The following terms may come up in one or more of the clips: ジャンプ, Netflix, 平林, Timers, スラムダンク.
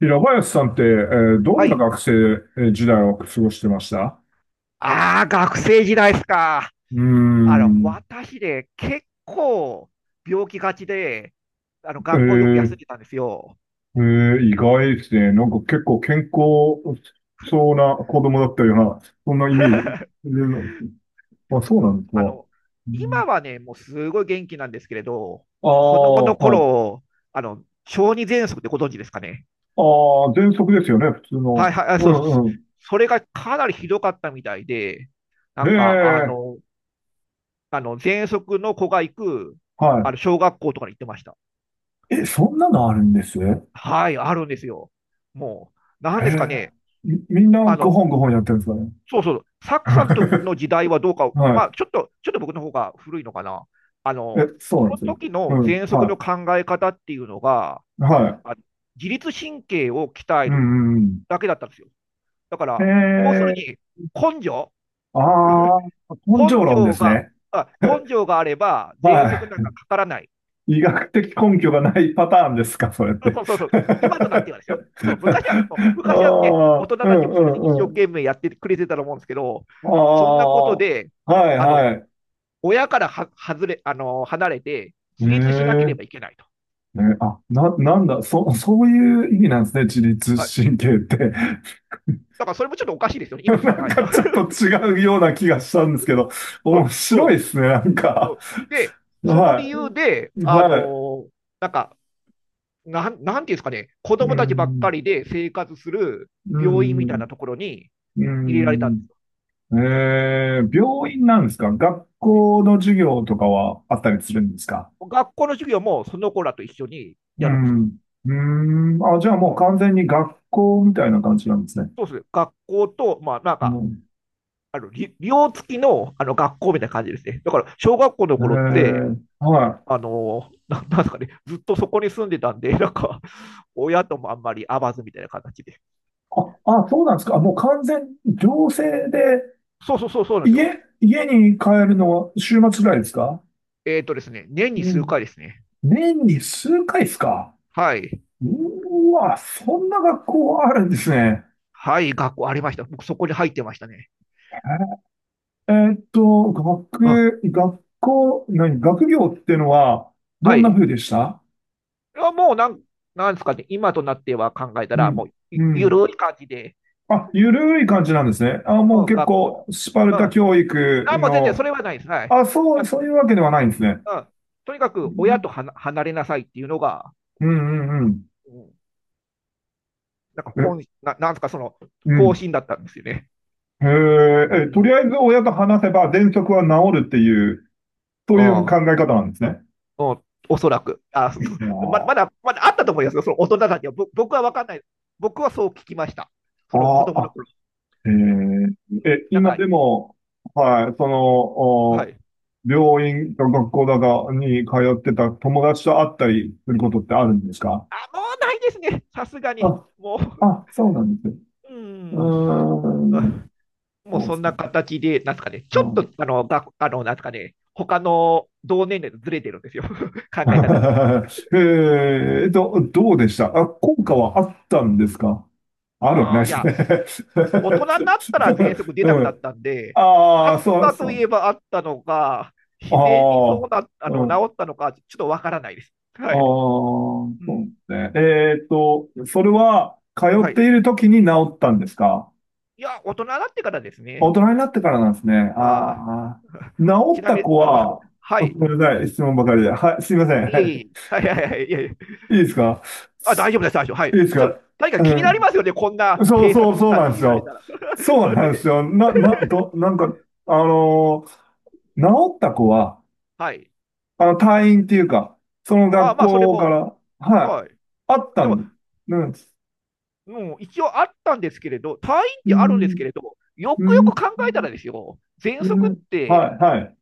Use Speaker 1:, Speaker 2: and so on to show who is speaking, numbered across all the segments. Speaker 1: 平林さんって、どん
Speaker 2: は
Speaker 1: な
Speaker 2: い。
Speaker 1: 学生時代を過ごしてました？
Speaker 2: ああ、学生時代ですか。
Speaker 1: うーん。
Speaker 2: 私で結構病気がちで、
Speaker 1: え
Speaker 2: 学校よく休ん
Speaker 1: ー
Speaker 2: でたんですよ。
Speaker 1: えー、意外ですね。なんか結構健康そうな子供だったような、そんなイメージ。えーあ、そう
Speaker 2: う
Speaker 1: な
Speaker 2: ん。
Speaker 1: んですか。うん。
Speaker 2: 今はね、もうすごい元気なんですけれど、
Speaker 1: あ
Speaker 2: 子供
Speaker 1: あ、
Speaker 2: の
Speaker 1: はい。
Speaker 2: 頃、小児喘息ってご存知ですかね。
Speaker 1: ああ、喘息ですよね、普通
Speaker 2: はい
Speaker 1: の。
Speaker 2: はい、あ、
Speaker 1: う
Speaker 2: そうそう、
Speaker 1: んうん。
Speaker 2: れがかなりひどかったみたいで、な
Speaker 1: へ
Speaker 2: んか、あ
Speaker 1: え、
Speaker 2: の、喘息の子が行く、
Speaker 1: は
Speaker 2: 小学校とかに行ってました。
Speaker 1: い。え、そんなのあるんですね？
Speaker 2: はい、あるんですよ。もう、なん
Speaker 1: へ
Speaker 2: ですか
Speaker 1: え。
Speaker 2: ね、
Speaker 1: みんな
Speaker 2: あ
Speaker 1: ご
Speaker 2: の、
Speaker 1: 本ご本やってるんですか？
Speaker 2: そうそう、サッ
Speaker 1: ね。
Speaker 2: クさんとの 時代はどうか、
Speaker 1: は
Speaker 2: まあ、
Speaker 1: い。
Speaker 2: ちょっと僕の方が古いのかな。あ
Speaker 1: え、
Speaker 2: の、
Speaker 1: そう
Speaker 2: そ
Speaker 1: なんで
Speaker 2: の
Speaker 1: すよ。
Speaker 2: 時
Speaker 1: う
Speaker 2: の
Speaker 1: ん、
Speaker 2: 喘
Speaker 1: は
Speaker 2: 息の
Speaker 1: い。
Speaker 2: 考え方っていうのが、
Speaker 1: は
Speaker 2: あ自律神経を鍛え
Speaker 1: い。う
Speaker 2: る
Speaker 1: んうん
Speaker 2: だけだったんですよ。だか
Speaker 1: うん。へ
Speaker 2: ら、要する
Speaker 1: え、
Speaker 2: に、根性、
Speaker 1: ああ、根性
Speaker 2: 根
Speaker 1: 論で
Speaker 2: 性
Speaker 1: す
Speaker 2: が、
Speaker 1: ね。
Speaker 2: 根 性があれば、喘息
Speaker 1: は
Speaker 2: なんかかからない。
Speaker 1: い。医学的根拠がないパターンですか、それっ
Speaker 2: そう
Speaker 1: て？
Speaker 2: そうそうそう。今となってはですよ。その昔は、もう
Speaker 1: あ
Speaker 2: 昔はね、大
Speaker 1: あ、
Speaker 2: 人
Speaker 1: う
Speaker 2: たち
Speaker 1: ん
Speaker 2: も
Speaker 1: う
Speaker 2: それで一
Speaker 1: ん
Speaker 2: 生
Speaker 1: うん。
Speaker 2: 懸命やってくれてたと思うんですけど、
Speaker 1: あ
Speaker 2: そんなこ
Speaker 1: あ、
Speaker 2: と
Speaker 1: は
Speaker 2: で、
Speaker 1: い
Speaker 2: あの、
Speaker 1: はい。
Speaker 2: 親からは外れ、あのー離れて
Speaker 1: え
Speaker 2: 自立しなけ
Speaker 1: え、
Speaker 2: ればいけないと。
Speaker 1: ね、あ、なんだ、そういう意味なんですね、自律
Speaker 2: はい。
Speaker 1: 神経って。
Speaker 2: だからそれもちょっとおかしいですよ ね、今考
Speaker 1: なん
Speaker 2: えた
Speaker 1: か
Speaker 2: ら。
Speaker 1: ちょっと違うような気がしたんですけど、
Speaker 2: うん
Speaker 1: 面
Speaker 2: う
Speaker 1: 白
Speaker 2: ん
Speaker 1: いですね、なん
Speaker 2: う
Speaker 1: か。
Speaker 2: ん。で、その理
Speaker 1: は
Speaker 2: 由で、
Speaker 1: い。はい。
Speaker 2: ーなんか、なんていうんですかね、子
Speaker 1: う
Speaker 2: 供たちばっか
Speaker 1: ん、
Speaker 2: りで生活する
Speaker 1: う
Speaker 2: 病院
Speaker 1: ん、う
Speaker 2: みたいな
Speaker 1: ん。
Speaker 2: ところに入れられたんで
Speaker 1: えー、病院なんですか？学
Speaker 2: す
Speaker 1: 校の授業とかはあったりするんですか？
Speaker 2: よ。学校の授業もその子らと一緒に
Speaker 1: う
Speaker 2: やるんですよ。
Speaker 1: ん。うーん。あ、じゃあ
Speaker 2: う
Speaker 1: もう
Speaker 2: ん、
Speaker 1: 完全に学校みたいな感じなんですね。
Speaker 2: そうですね。学校と、
Speaker 1: うん。
Speaker 2: あの、寮付きの、学校みたいな感じですね。だから、小学校の頃って、
Speaker 1: はい。
Speaker 2: なんですかね、ずっとそこに住んでたんで、親ともあんまり会わずみたいな形で。
Speaker 1: あ、そうなんですか。あもう完全、行政で、
Speaker 2: そうそうそう、そうなんです
Speaker 1: 家、
Speaker 2: よ。
Speaker 1: 家に帰るのは週末ぐらいですか？
Speaker 2: えっ、ーとですね、年に
Speaker 1: う
Speaker 2: 数
Speaker 1: ん。
Speaker 2: 回ですね。
Speaker 1: 年に数回ですか？
Speaker 2: はい。
Speaker 1: うーわ、そんな学校あるんですね。
Speaker 2: はい、学校ありました。僕、そこに入ってましたね。うん。
Speaker 1: 学、学校、何、学業っていうのは、ど
Speaker 2: は
Speaker 1: ん
Speaker 2: い。
Speaker 1: な
Speaker 2: い
Speaker 1: 風でした？
Speaker 2: や、もうなん、なんですかね、今となっては考えた
Speaker 1: う
Speaker 2: ら、も
Speaker 1: ん、
Speaker 2: う
Speaker 1: う
Speaker 2: ゆ、ゆ
Speaker 1: ん。
Speaker 2: るい感じで、
Speaker 1: あ、ゆるい感じなんですね。あ、もう
Speaker 2: うん、
Speaker 1: 結
Speaker 2: 学校、
Speaker 1: 構、スパル
Speaker 2: うん。
Speaker 1: タ
Speaker 2: あ、
Speaker 1: 教育
Speaker 2: もう全然そ
Speaker 1: の、
Speaker 2: れはないです。はい。
Speaker 1: あ、そ
Speaker 2: な
Speaker 1: う、
Speaker 2: んか、
Speaker 1: そういうわけではないんですね。
Speaker 2: うん。とにかく、親とは離れなさいっていうのが、
Speaker 1: うん、うん、うん。
Speaker 2: うん、なんか
Speaker 1: え、
Speaker 2: 本、な、なんですか、その、
Speaker 1: う
Speaker 2: 方
Speaker 1: ん。
Speaker 2: 針だったんですよね。
Speaker 1: へ
Speaker 2: うんう
Speaker 1: え、と
Speaker 2: ん
Speaker 1: りあえず親と話せば、喘息は治るっていう、そ
Speaker 2: う
Speaker 1: ういう
Speaker 2: ん、う
Speaker 1: 考
Speaker 2: ん、
Speaker 1: え方なんですね。
Speaker 2: おそらく。あ、
Speaker 1: うん。
Speaker 2: ま、まだ、まだあったと思いますよ、その大人たちは。僕は分かんない。僕はそう聞きました。
Speaker 1: あ
Speaker 2: その子
Speaker 1: ー
Speaker 2: 供の
Speaker 1: あ。
Speaker 2: 頃。
Speaker 1: えー、
Speaker 2: うん、なん
Speaker 1: 今
Speaker 2: か、
Speaker 1: でも、はい、その、
Speaker 2: は
Speaker 1: お
Speaker 2: い。
Speaker 1: 病院か学校だかに通ってた友達と会ったりすることってあるんですか？
Speaker 2: あ、もうないですね。さすがに。
Speaker 1: あ、
Speaker 2: もう、
Speaker 1: あ、そうなんです。
Speaker 2: う
Speaker 1: う
Speaker 2: ん。
Speaker 1: ー
Speaker 2: う
Speaker 1: ん、
Speaker 2: ん。もう
Speaker 1: そうで
Speaker 2: そ
Speaker 1: す
Speaker 2: んな
Speaker 1: か。
Speaker 2: 形で、なんですかね、ち
Speaker 1: う
Speaker 2: ょっと、
Speaker 1: ん。
Speaker 2: あの、が、あの、なんですかね、他の同年齢とずれてるんですよ。考え方とか。うん。
Speaker 1: どうでしたあ、効果はあったんですか？あるわけ
Speaker 2: あ
Speaker 1: な
Speaker 2: あ、
Speaker 1: い
Speaker 2: い
Speaker 1: で
Speaker 2: や、
Speaker 1: すね？
Speaker 2: 大人になったら喘息 出
Speaker 1: う
Speaker 2: なくな
Speaker 1: ん。
Speaker 2: ったんで、あ
Speaker 1: ああ、
Speaker 2: っ
Speaker 1: そう
Speaker 2: た
Speaker 1: そ
Speaker 2: とい
Speaker 1: う。
Speaker 2: えばあったのか、
Speaker 1: あ
Speaker 2: 自然にそう
Speaker 1: あ、
Speaker 2: な、あ
Speaker 1: う
Speaker 2: の、
Speaker 1: ん。
Speaker 2: 治ったのか、ちょっとわからないです。
Speaker 1: あ
Speaker 2: はい。
Speaker 1: あ、
Speaker 2: う
Speaker 1: そ
Speaker 2: ん。
Speaker 1: うね。それは、通
Speaker 2: は
Speaker 1: っ
Speaker 2: い。
Speaker 1: ている時に治ったんですか？
Speaker 2: いや、大人になってからです
Speaker 1: 大
Speaker 2: ね。
Speaker 1: 人になってからなんですね。あー
Speaker 2: あ
Speaker 1: あ
Speaker 2: あ。
Speaker 1: ー、治
Speaker 2: ち
Speaker 1: っ
Speaker 2: な
Speaker 1: た
Speaker 2: みに、
Speaker 1: 子
Speaker 2: は、
Speaker 1: は、
Speaker 2: は
Speaker 1: あ
Speaker 2: い。い
Speaker 1: ごめんなさい、質問ばかりで。はい、すいません。は
Speaker 2: えい
Speaker 1: い。
Speaker 2: え。はいはいはい。いえいえ。
Speaker 1: いいですか？
Speaker 2: あ、大丈夫です、大丈夫。は
Speaker 1: い
Speaker 2: い。
Speaker 1: いです
Speaker 2: それ、
Speaker 1: か？
Speaker 2: 何か気
Speaker 1: う
Speaker 2: になり
Speaker 1: ん。
Speaker 2: ますよね。こんな
Speaker 1: そう
Speaker 2: 閉鎖
Speaker 1: そう
Speaker 2: 空
Speaker 1: そう
Speaker 2: 間
Speaker 1: なん
Speaker 2: に
Speaker 1: で
Speaker 2: い
Speaker 1: す
Speaker 2: られ
Speaker 1: よ。
Speaker 2: たら。
Speaker 1: そ
Speaker 2: そ
Speaker 1: う
Speaker 2: う
Speaker 1: なんで
Speaker 2: ね。
Speaker 1: すよ。なんか、あのー治った子は、
Speaker 2: はい。
Speaker 1: 退院っていうか、その
Speaker 2: あ、
Speaker 1: 学
Speaker 2: まあ、それ
Speaker 1: 校か
Speaker 2: も、
Speaker 1: ら、はい、
Speaker 2: はい。
Speaker 1: あった
Speaker 2: でも、
Speaker 1: んです。
Speaker 2: もう一応あったんですけれど、退院っ
Speaker 1: う
Speaker 2: てあるんですけ
Speaker 1: ん、
Speaker 2: れど、よ
Speaker 1: う
Speaker 2: く
Speaker 1: ん、
Speaker 2: よ
Speaker 1: う
Speaker 2: く
Speaker 1: ん
Speaker 2: 考えたらですよ、
Speaker 1: う
Speaker 2: 喘息っ
Speaker 1: ん。は
Speaker 2: て、
Speaker 1: い、はい。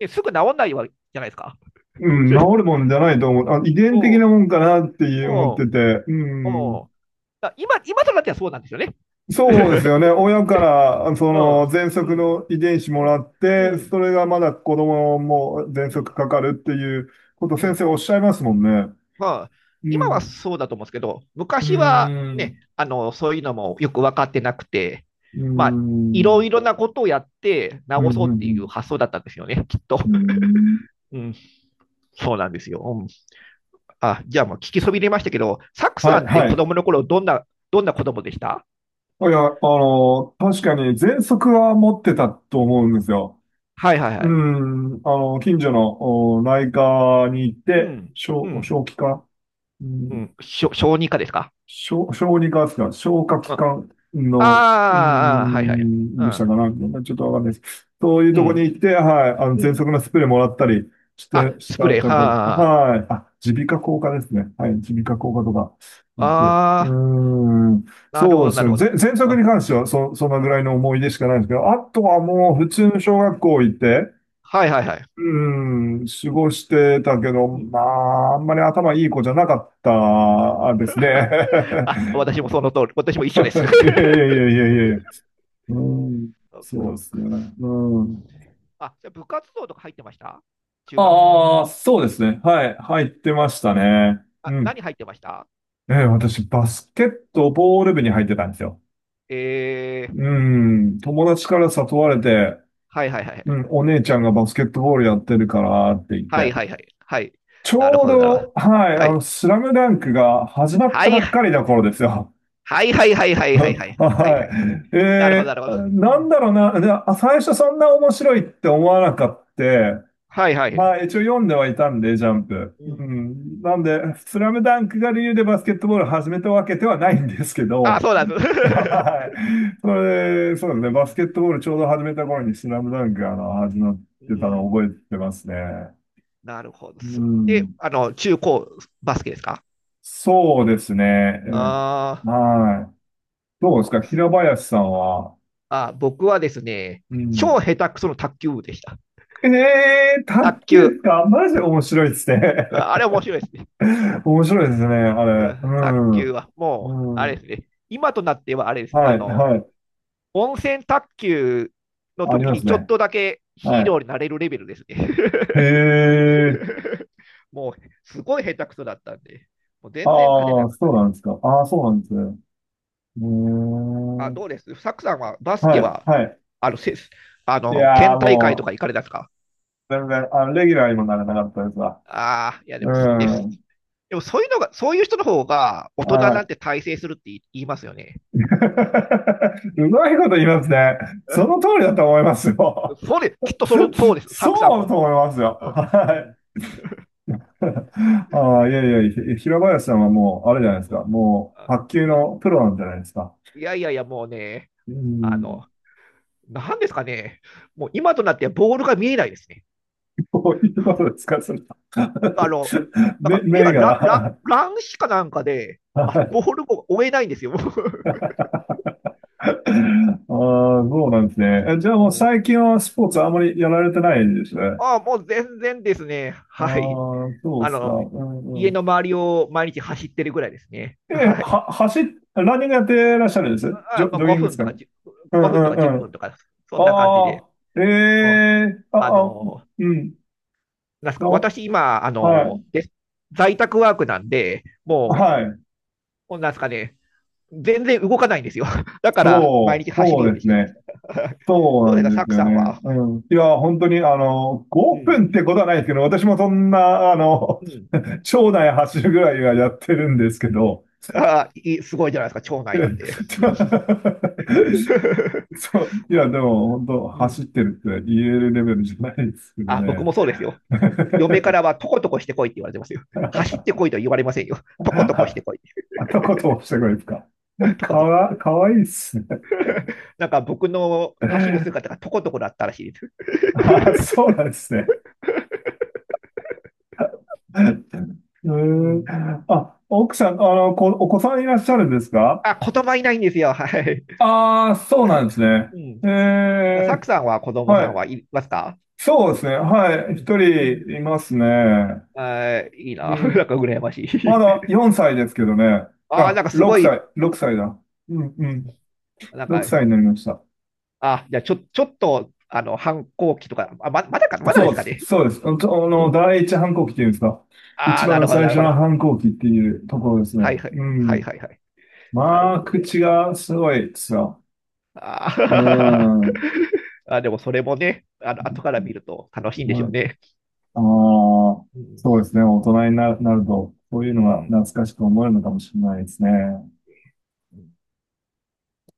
Speaker 2: ねすぐ治んないわけじゃないですか。
Speaker 1: うん、治るもんじゃないと思う。あ、遺伝的
Speaker 2: うん、
Speaker 1: なもんかなって思っ
Speaker 2: うん、
Speaker 1: てて。うん。
Speaker 2: うん。今、今となってはそうなんですよね。
Speaker 1: そう ですよね。親から、そ
Speaker 2: う
Speaker 1: の、
Speaker 2: ん、
Speaker 1: 喘
Speaker 2: う
Speaker 1: 息
Speaker 2: ん、
Speaker 1: の遺伝子も
Speaker 2: う
Speaker 1: ら
Speaker 2: ん、
Speaker 1: っ
Speaker 2: う
Speaker 1: て、そ
Speaker 2: ん、
Speaker 1: れがまだ子供も喘
Speaker 2: う
Speaker 1: 息
Speaker 2: ん、
Speaker 1: かかるっていうこと、
Speaker 2: う
Speaker 1: 先
Speaker 2: ん。
Speaker 1: 生おっしゃいますもんね。
Speaker 2: まあ、
Speaker 1: う
Speaker 2: 今は
Speaker 1: ん。
Speaker 2: そうだと思うんですけど、
Speaker 1: う
Speaker 2: 昔は
Speaker 1: ー
Speaker 2: ね、
Speaker 1: ん。
Speaker 2: そういうのもよく分かってなくて、
Speaker 1: うー
Speaker 2: まあ、いろ
Speaker 1: ん。
Speaker 2: いろなことをやって
Speaker 1: うん、
Speaker 2: 治
Speaker 1: う
Speaker 2: そ
Speaker 1: ん、
Speaker 2: う
Speaker 1: う
Speaker 2: っていう
Speaker 1: ん。
Speaker 2: 発想だったんですよね、きっと。うん、そうなんですよ。うん。あ、じゃあもう聞きそびれましたけど、サク
Speaker 1: は
Speaker 2: さ
Speaker 1: い、
Speaker 2: んって
Speaker 1: は
Speaker 2: 子
Speaker 1: い。
Speaker 2: 供の頃どんな、どんな子供でした？
Speaker 1: いや、確かに喘息は持ってたと思うんですよ。
Speaker 2: はいはいは
Speaker 1: う
Speaker 2: い。
Speaker 1: ん、近所のお内科に行っ
Speaker 2: う
Speaker 1: て、
Speaker 2: ん、
Speaker 1: 小、
Speaker 2: うん、
Speaker 1: 小児科、う
Speaker 2: う
Speaker 1: ん、
Speaker 2: ん。小児科ですか？
Speaker 1: 小児科ですか、消化器
Speaker 2: うん。あ
Speaker 1: 官の、う
Speaker 2: あ、あー、はいはい。
Speaker 1: ん、
Speaker 2: う
Speaker 1: でした
Speaker 2: ん、
Speaker 1: かな、ちょっとわかんないです。そういう
Speaker 2: う
Speaker 1: とこに
Speaker 2: ん、
Speaker 1: 行って、はい、
Speaker 2: う
Speaker 1: 喘息
Speaker 2: ん。
Speaker 1: のスプレーもらったりして、
Speaker 2: あ、
Speaker 1: し
Speaker 2: スプ
Speaker 1: た
Speaker 2: レー。
Speaker 1: ところ、
Speaker 2: はあ、
Speaker 1: はい、あ、耳鼻科口科ですね。はい、耳鼻科口科とか行って、うー
Speaker 2: あ
Speaker 1: ん、
Speaker 2: あ、なる
Speaker 1: そ
Speaker 2: ほ
Speaker 1: う
Speaker 2: ど、
Speaker 1: で
Speaker 2: な
Speaker 1: す
Speaker 2: る
Speaker 1: ね。
Speaker 2: ほど。
Speaker 1: 喘
Speaker 2: う
Speaker 1: 息に
Speaker 2: ん、
Speaker 1: 関しては、そんなぐらいの思い出しかないんですけど、あとはもう普
Speaker 2: う
Speaker 1: 通
Speaker 2: ん。
Speaker 1: の小学校行って、
Speaker 2: はいはいはい。
Speaker 1: うん、過ごしてたけど、
Speaker 2: うん。
Speaker 1: まあ、あんまり頭いい子じゃなかったですね。
Speaker 2: あ、私もその通り、私も一緒です。
Speaker 1: いやい やいやいやいや。うん、
Speaker 2: そうそ
Speaker 1: そうで
Speaker 2: う。
Speaker 1: すね。うん。
Speaker 2: あ、じゃあ部活動とか入ってました？中学とか。
Speaker 1: ああ、そうですね。はい、入ってましたね。う
Speaker 2: あ、
Speaker 1: ん。
Speaker 2: 何入ってました？
Speaker 1: 私、バスケットボール部に入ってたんですよ。
Speaker 2: えー、
Speaker 1: うん、友達から誘われて、
Speaker 2: はいはいは
Speaker 1: う
Speaker 2: い。
Speaker 1: ん、お姉ちゃんがバスケットボールやってるからって言っ
Speaker 2: はい
Speaker 1: て。
Speaker 2: はいはい。はい。
Speaker 1: ち
Speaker 2: なる
Speaker 1: ょう
Speaker 2: ほど、なるほ
Speaker 1: ど、
Speaker 2: ど。
Speaker 1: はい、
Speaker 2: はい。
Speaker 1: スラムダンクが始まっ
Speaker 2: は
Speaker 1: たば
Speaker 2: い。
Speaker 1: っかりの頃ですよ。
Speaker 2: はいはいはいは いはいはいはいはいは
Speaker 1: は
Speaker 2: い。
Speaker 1: い。
Speaker 2: なるほど、なるほど。う
Speaker 1: なん
Speaker 2: ん。
Speaker 1: だろうな。で、あ最初そんな面白いって思わなかった。
Speaker 2: はいは
Speaker 1: ま
Speaker 2: い。
Speaker 1: あ、一応読んではいたんで、ジャンプ。
Speaker 2: う
Speaker 1: う
Speaker 2: ん。
Speaker 1: ん。なんで、スラムダンクが理由でバスケットボールを始めたわけではないんですけ
Speaker 2: あ、
Speaker 1: ど、
Speaker 2: そうなんです。
Speaker 1: はい。それ、そうです
Speaker 2: う
Speaker 1: ね。バスケ
Speaker 2: ん。
Speaker 1: ットボールちょうど始めた頃にスラムダンクが始まっ
Speaker 2: う
Speaker 1: てたの
Speaker 2: ん。
Speaker 1: を覚えてますね。
Speaker 2: なるほどで
Speaker 1: う
Speaker 2: す。で、
Speaker 1: ん。
Speaker 2: あの、中高バスケですか？
Speaker 1: そうですね。
Speaker 2: あ
Speaker 1: はい。どう
Speaker 2: ー。
Speaker 1: です
Speaker 2: あ
Speaker 1: か
Speaker 2: ー、
Speaker 1: 平林さんは？
Speaker 2: あ、僕はですね、
Speaker 1: うん。
Speaker 2: 超下手くその卓球部でした。
Speaker 1: ええー、
Speaker 2: 卓
Speaker 1: 卓
Speaker 2: 球。
Speaker 1: 球か。マジ面白いですね。
Speaker 2: あ、あれ面白いですね。
Speaker 1: 面白いですね、あ
Speaker 2: う
Speaker 1: れ。う
Speaker 2: ん、卓
Speaker 1: ん。
Speaker 2: 球は、もう、あ
Speaker 1: う
Speaker 2: れで
Speaker 1: ん。
Speaker 2: すね。今となっては、あれです。
Speaker 1: はい、はい。
Speaker 2: 温泉卓球の
Speaker 1: あり
Speaker 2: 時
Speaker 1: ま
Speaker 2: に
Speaker 1: す
Speaker 2: ちょっ
Speaker 1: ね。
Speaker 2: とだけヒ
Speaker 1: は
Speaker 2: ーロ
Speaker 1: い。
Speaker 2: ーになれるレベルですね。
Speaker 1: へえ。
Speaker 2: もう、すごい下手くそだったんで、もう全然勝て
Speaker 1: あ
Speaker 2: な
Speaker 1: あ、
Speaker 2: か
Speaker 1: そう
Speaker 2: っ
Speaker 1: なんですか。ああ、そうなんですね。
Speaker 2: た。
Speaker 1: うー
Speaker 2: あ、
Speaker 1: ん。
Speaker 2: どうですサクさんはバスケ
Speaker 1: はい、
Speaker 2: は、
Speaker 1: はい。
Speaker 2: あの、せあ
Speaker 1: い
Speaker 2: の、
Speaker 1: や
Speaker 2: 県
Speaker 1: ー、
Speaker 2: 大会と
Speaker 1: も
Speaker 2: か行かれたんですか？
Speaker 1: う、全然、レギュラーにもならなかったですわ。
Speaker 2: ああ、いや、で
Speaker 1: う
Speaker 2: も、ね、
Speaker 1: ん。
Speaker 2: でもそういうのが、そういう人の方が大人
Speaker 1: は
Speaker 2: なん
Speaker 1: い。
Speaker 2: て大成するって言いますよね。
Speaker 1: うまいこと言いますね。
Speaker 2: う
Speaker 1: その通りだ
Speaker 2: ん。
Speaker 1: と思いますよ。
Speaker 2: そうです。きっとその、そうです。サクさん
Speaker 1: そう
Speaker 2: も。
Speaker 1: と思いますよ。
Speaker 2: うん。
Speaker 1: はい。ああ、いやいや、平林さんはもう、あれじゃないです
Speaker 2: うんう
Speaker 1: か。
Speaker 2: ん。
Speaker 1: もう、
Speaker 2: あ。
Speaker 1: 卓球
Speaker 2: うん。
Speaker 1: のプロなんじゃないですか？
Speaker 2: いやいやいや、もうね、
Speaker 1: う
Speaker 2: あ
Speaker 1: ん。
Speaker 2: の、なんですかね、もう今となってはボールが見えないですね。
Speaker 1: こういうこ とですか、それ？
Speaker 2: あの、なん
Speaker 1: 目、
Speaker 2: か目
Speaker 1: 目
Speaker 2: が
Speaker 1: が。
Speaker 2: 乱視かなんかで、あ
Speaker 1: は
Speaker 2: のボ
Speaker 1: い。
Speaker 2: ールを追えないんですよ。
Speaker 1: ああ、そうなんですね。じゃあもう最近はスポーツあんまりやられてないんですね。
Speaker 2: ああ、もう全然ですね。
Speaker 1: あ
Speaker 2: はい。
Speaker 1: あ、そう
Speaker 2: あ
Speaker 1: ですか。う
Speaker 2: の、
Speaker 1: んう
Speaker 2: 家
Speaker 1: ん。
Speaker 2: の周りを毎日走ってるぐらいですね。
Speaker 1: え、
Speaker 2: はい。
Speaker 1: は、走っ、ランニングやってらっしゃるんですジ
Speaker 2: あ、
Speaker 1: ョ、
Speaker 2: まあ、
Speaker 1: ジョギングで
Speaker 2: 5
Speaker 1: す
Speaker 2: 分と
Speaker 1: か
Speaker 2: か
Speaker 1: ね。うん
Speaker 2: 10、
Speaker 1: う
Speaker 2: 分とか1
Speaker 1: んう
Speaker 2: 分
Speaker 1: ん。
Speaker 2: とか、そんな感じ
Speaker 1: あ
Speaker 2: で。
Speaker 1: あ、え
Speaker 2: うん、
Speaker 1: え
Speaker 2: あ
Speaker 1: あ、あ、
Speaker 2: の、
Speaker 1: うん。
Speaker 2: なんすか
Speaker 1: あ
Speaker 2: 私今、
Speaker 1: はい。
Speaker 2: 在宅ワークなんで、も
Speaker 1: はい。
Speaker 2: う、なんですかね、全然動かないんですよ。だから、毎
Speaker 1: そう、
Speaker 2: 日走る
Speaker 1: そ
Speaker 2: よ
Speaker 1: う
Speaker 2: う
Speaker 1: で
Speaker 2: にし
Speaker 1: す
Speaker 2: てまし
Speaker 1: ね。
Speaker 2: た。
Speaker 1: そ う
Speaker 2: どう
Speaker 1: な
Speaker 2: です
Speaker 1: ん
Speaker 2: か、
Speaker 1: で
Speaker 2: サ
Speaker 1: す
Speaker 2: ク
Speaker 1: よ
Speaker 2: さ
Speaker 1: ね。
Speaker 2: んは。
Speaker 1: うん。いや、本当に、
Speaker 2: う
Speaker 1: 5
Speaker 2: ん。
Speaker 1: 分ってことはないですけど、私もそんな、
Speaker 2: うん。
Speaker 1: 町内走るぐらいはやってるんですけど、
Speaker 2: ああ、いい、すごいじゃないですか、町内なんで。
Speaker 1: そう、いや、でも、本当
Speaker 2: う
Speaker 1: 走っ
Speaker 2: ん。
Speaker 1: てるって言えるレベルじゃないですけど
Speaker 2: あ、僕
Speaker 1: ね。
Speaker 2: もそうですよ。嫁から は、とことこしてこいって言われてますよ。走ってこいとは言われませんよ。とことこし
Speaker 1: あ、
Speaker 2: てこい。
Speaker 1: あとことをしてくれですか？
Speaker 2: とこ
Speaker 1: か
Speaker 2: とこ。
Speaker 1: わ、かわいいっすね。
Speaker 2: なんか僕の走る姿がとことこだったらしいです。
Speaker 1: あ、そうなんですね。え
Speaker 2: うん。
Speaker 1: あ、奥さん、お子さんいらっしゃるんですか？
Speaker 2: あ、言葉いないんですよ。はい。
Speaker 1: ああー、そうなんですね。
Speaker 2: う
Speaker 1: え
Speaker 2: ん。サク
Speaker 1: え、
Speaker 2: さんは子供さ
Speaker 1: は
Speaker 2: ん
Speaker 1: い。
Speaker 2: はいますか？
Speaker 1: そうですね。は
Speaker 2: う
Speaker 1: い。一
Speaker 2: ん。うん。
Speaker 1: 人いますね。
Speaker 2: あー、いい
Speaker 1: う
Speaker 2: な。なん
Speaker 1: ん。
Speaker 2: か羨ましい。
Speaker 1: まだ4歳ですけどね。
Speaker 2: ああ、なん
Speaker 1: あ、
Speaker 2: かすご
Speaker 1: 6
Speaker 2: い、
Speaker 1: 歳、6歳だ。うんうん。
Speaker 2: なんか、
Speaker 1: 6歳になりました。
Speaker 2: あ、じゃあちょっと、あの、反抗期とか、まだか、まだで
Speaker 1: そう
Speaker 2: す
Speaker 1: で
Speaker 2: か
Speaker 1: す。
Speaker 2: ね。
Speaker 1: そうです。あ
Speaker 2: うん、
Speaker 1: の、あ
Speaker 2: う
Speaker 1: の
Speaker 2: ん。
Speaker 1: 第一反抗期っていうんですか？
Speaker 2: あ
Speaker 1: 一
Speaker 2: あ、な
Speaker 1: 番
Speaker 2: るほど、
Speaker 1: 最
Speaker 2: なる
Speaker 1: 初
Speaker 2: ほど。
Speaker 1: の反抗期っていうところです
Speaker 2: は
Speaker 1: ね。
Speaker 2: いは
Speaker 1: う
Speaker 2: い、はい
Speaker 1: ん。
Speaker 2: はいはい。なる
Speaker 1: ま
Speaker 2: ほ
Speaker 1: あ、
Speaker 2: ど、なる
Speaker 1: 口
Speaker 2: ほど。
Speaker 1: がすごいですよ。う
Speaker 2: あー
Speaker 1: ん。は
Speaker 2: あ、でもそれもね、あの、後から見ると楽しいんでしょ
Speaker 1: い。
Speaker 2: うね。
Speaker 1: ああ、
Speaker 2: うん。
Speaker 1: そうですね。大人になると、そういう
Speaker 2: う
Speaker 1: のが懐
Speaker 2: ん。
Speaker 1: かしく思えるのかもしれないですね。
Speaker 2: うん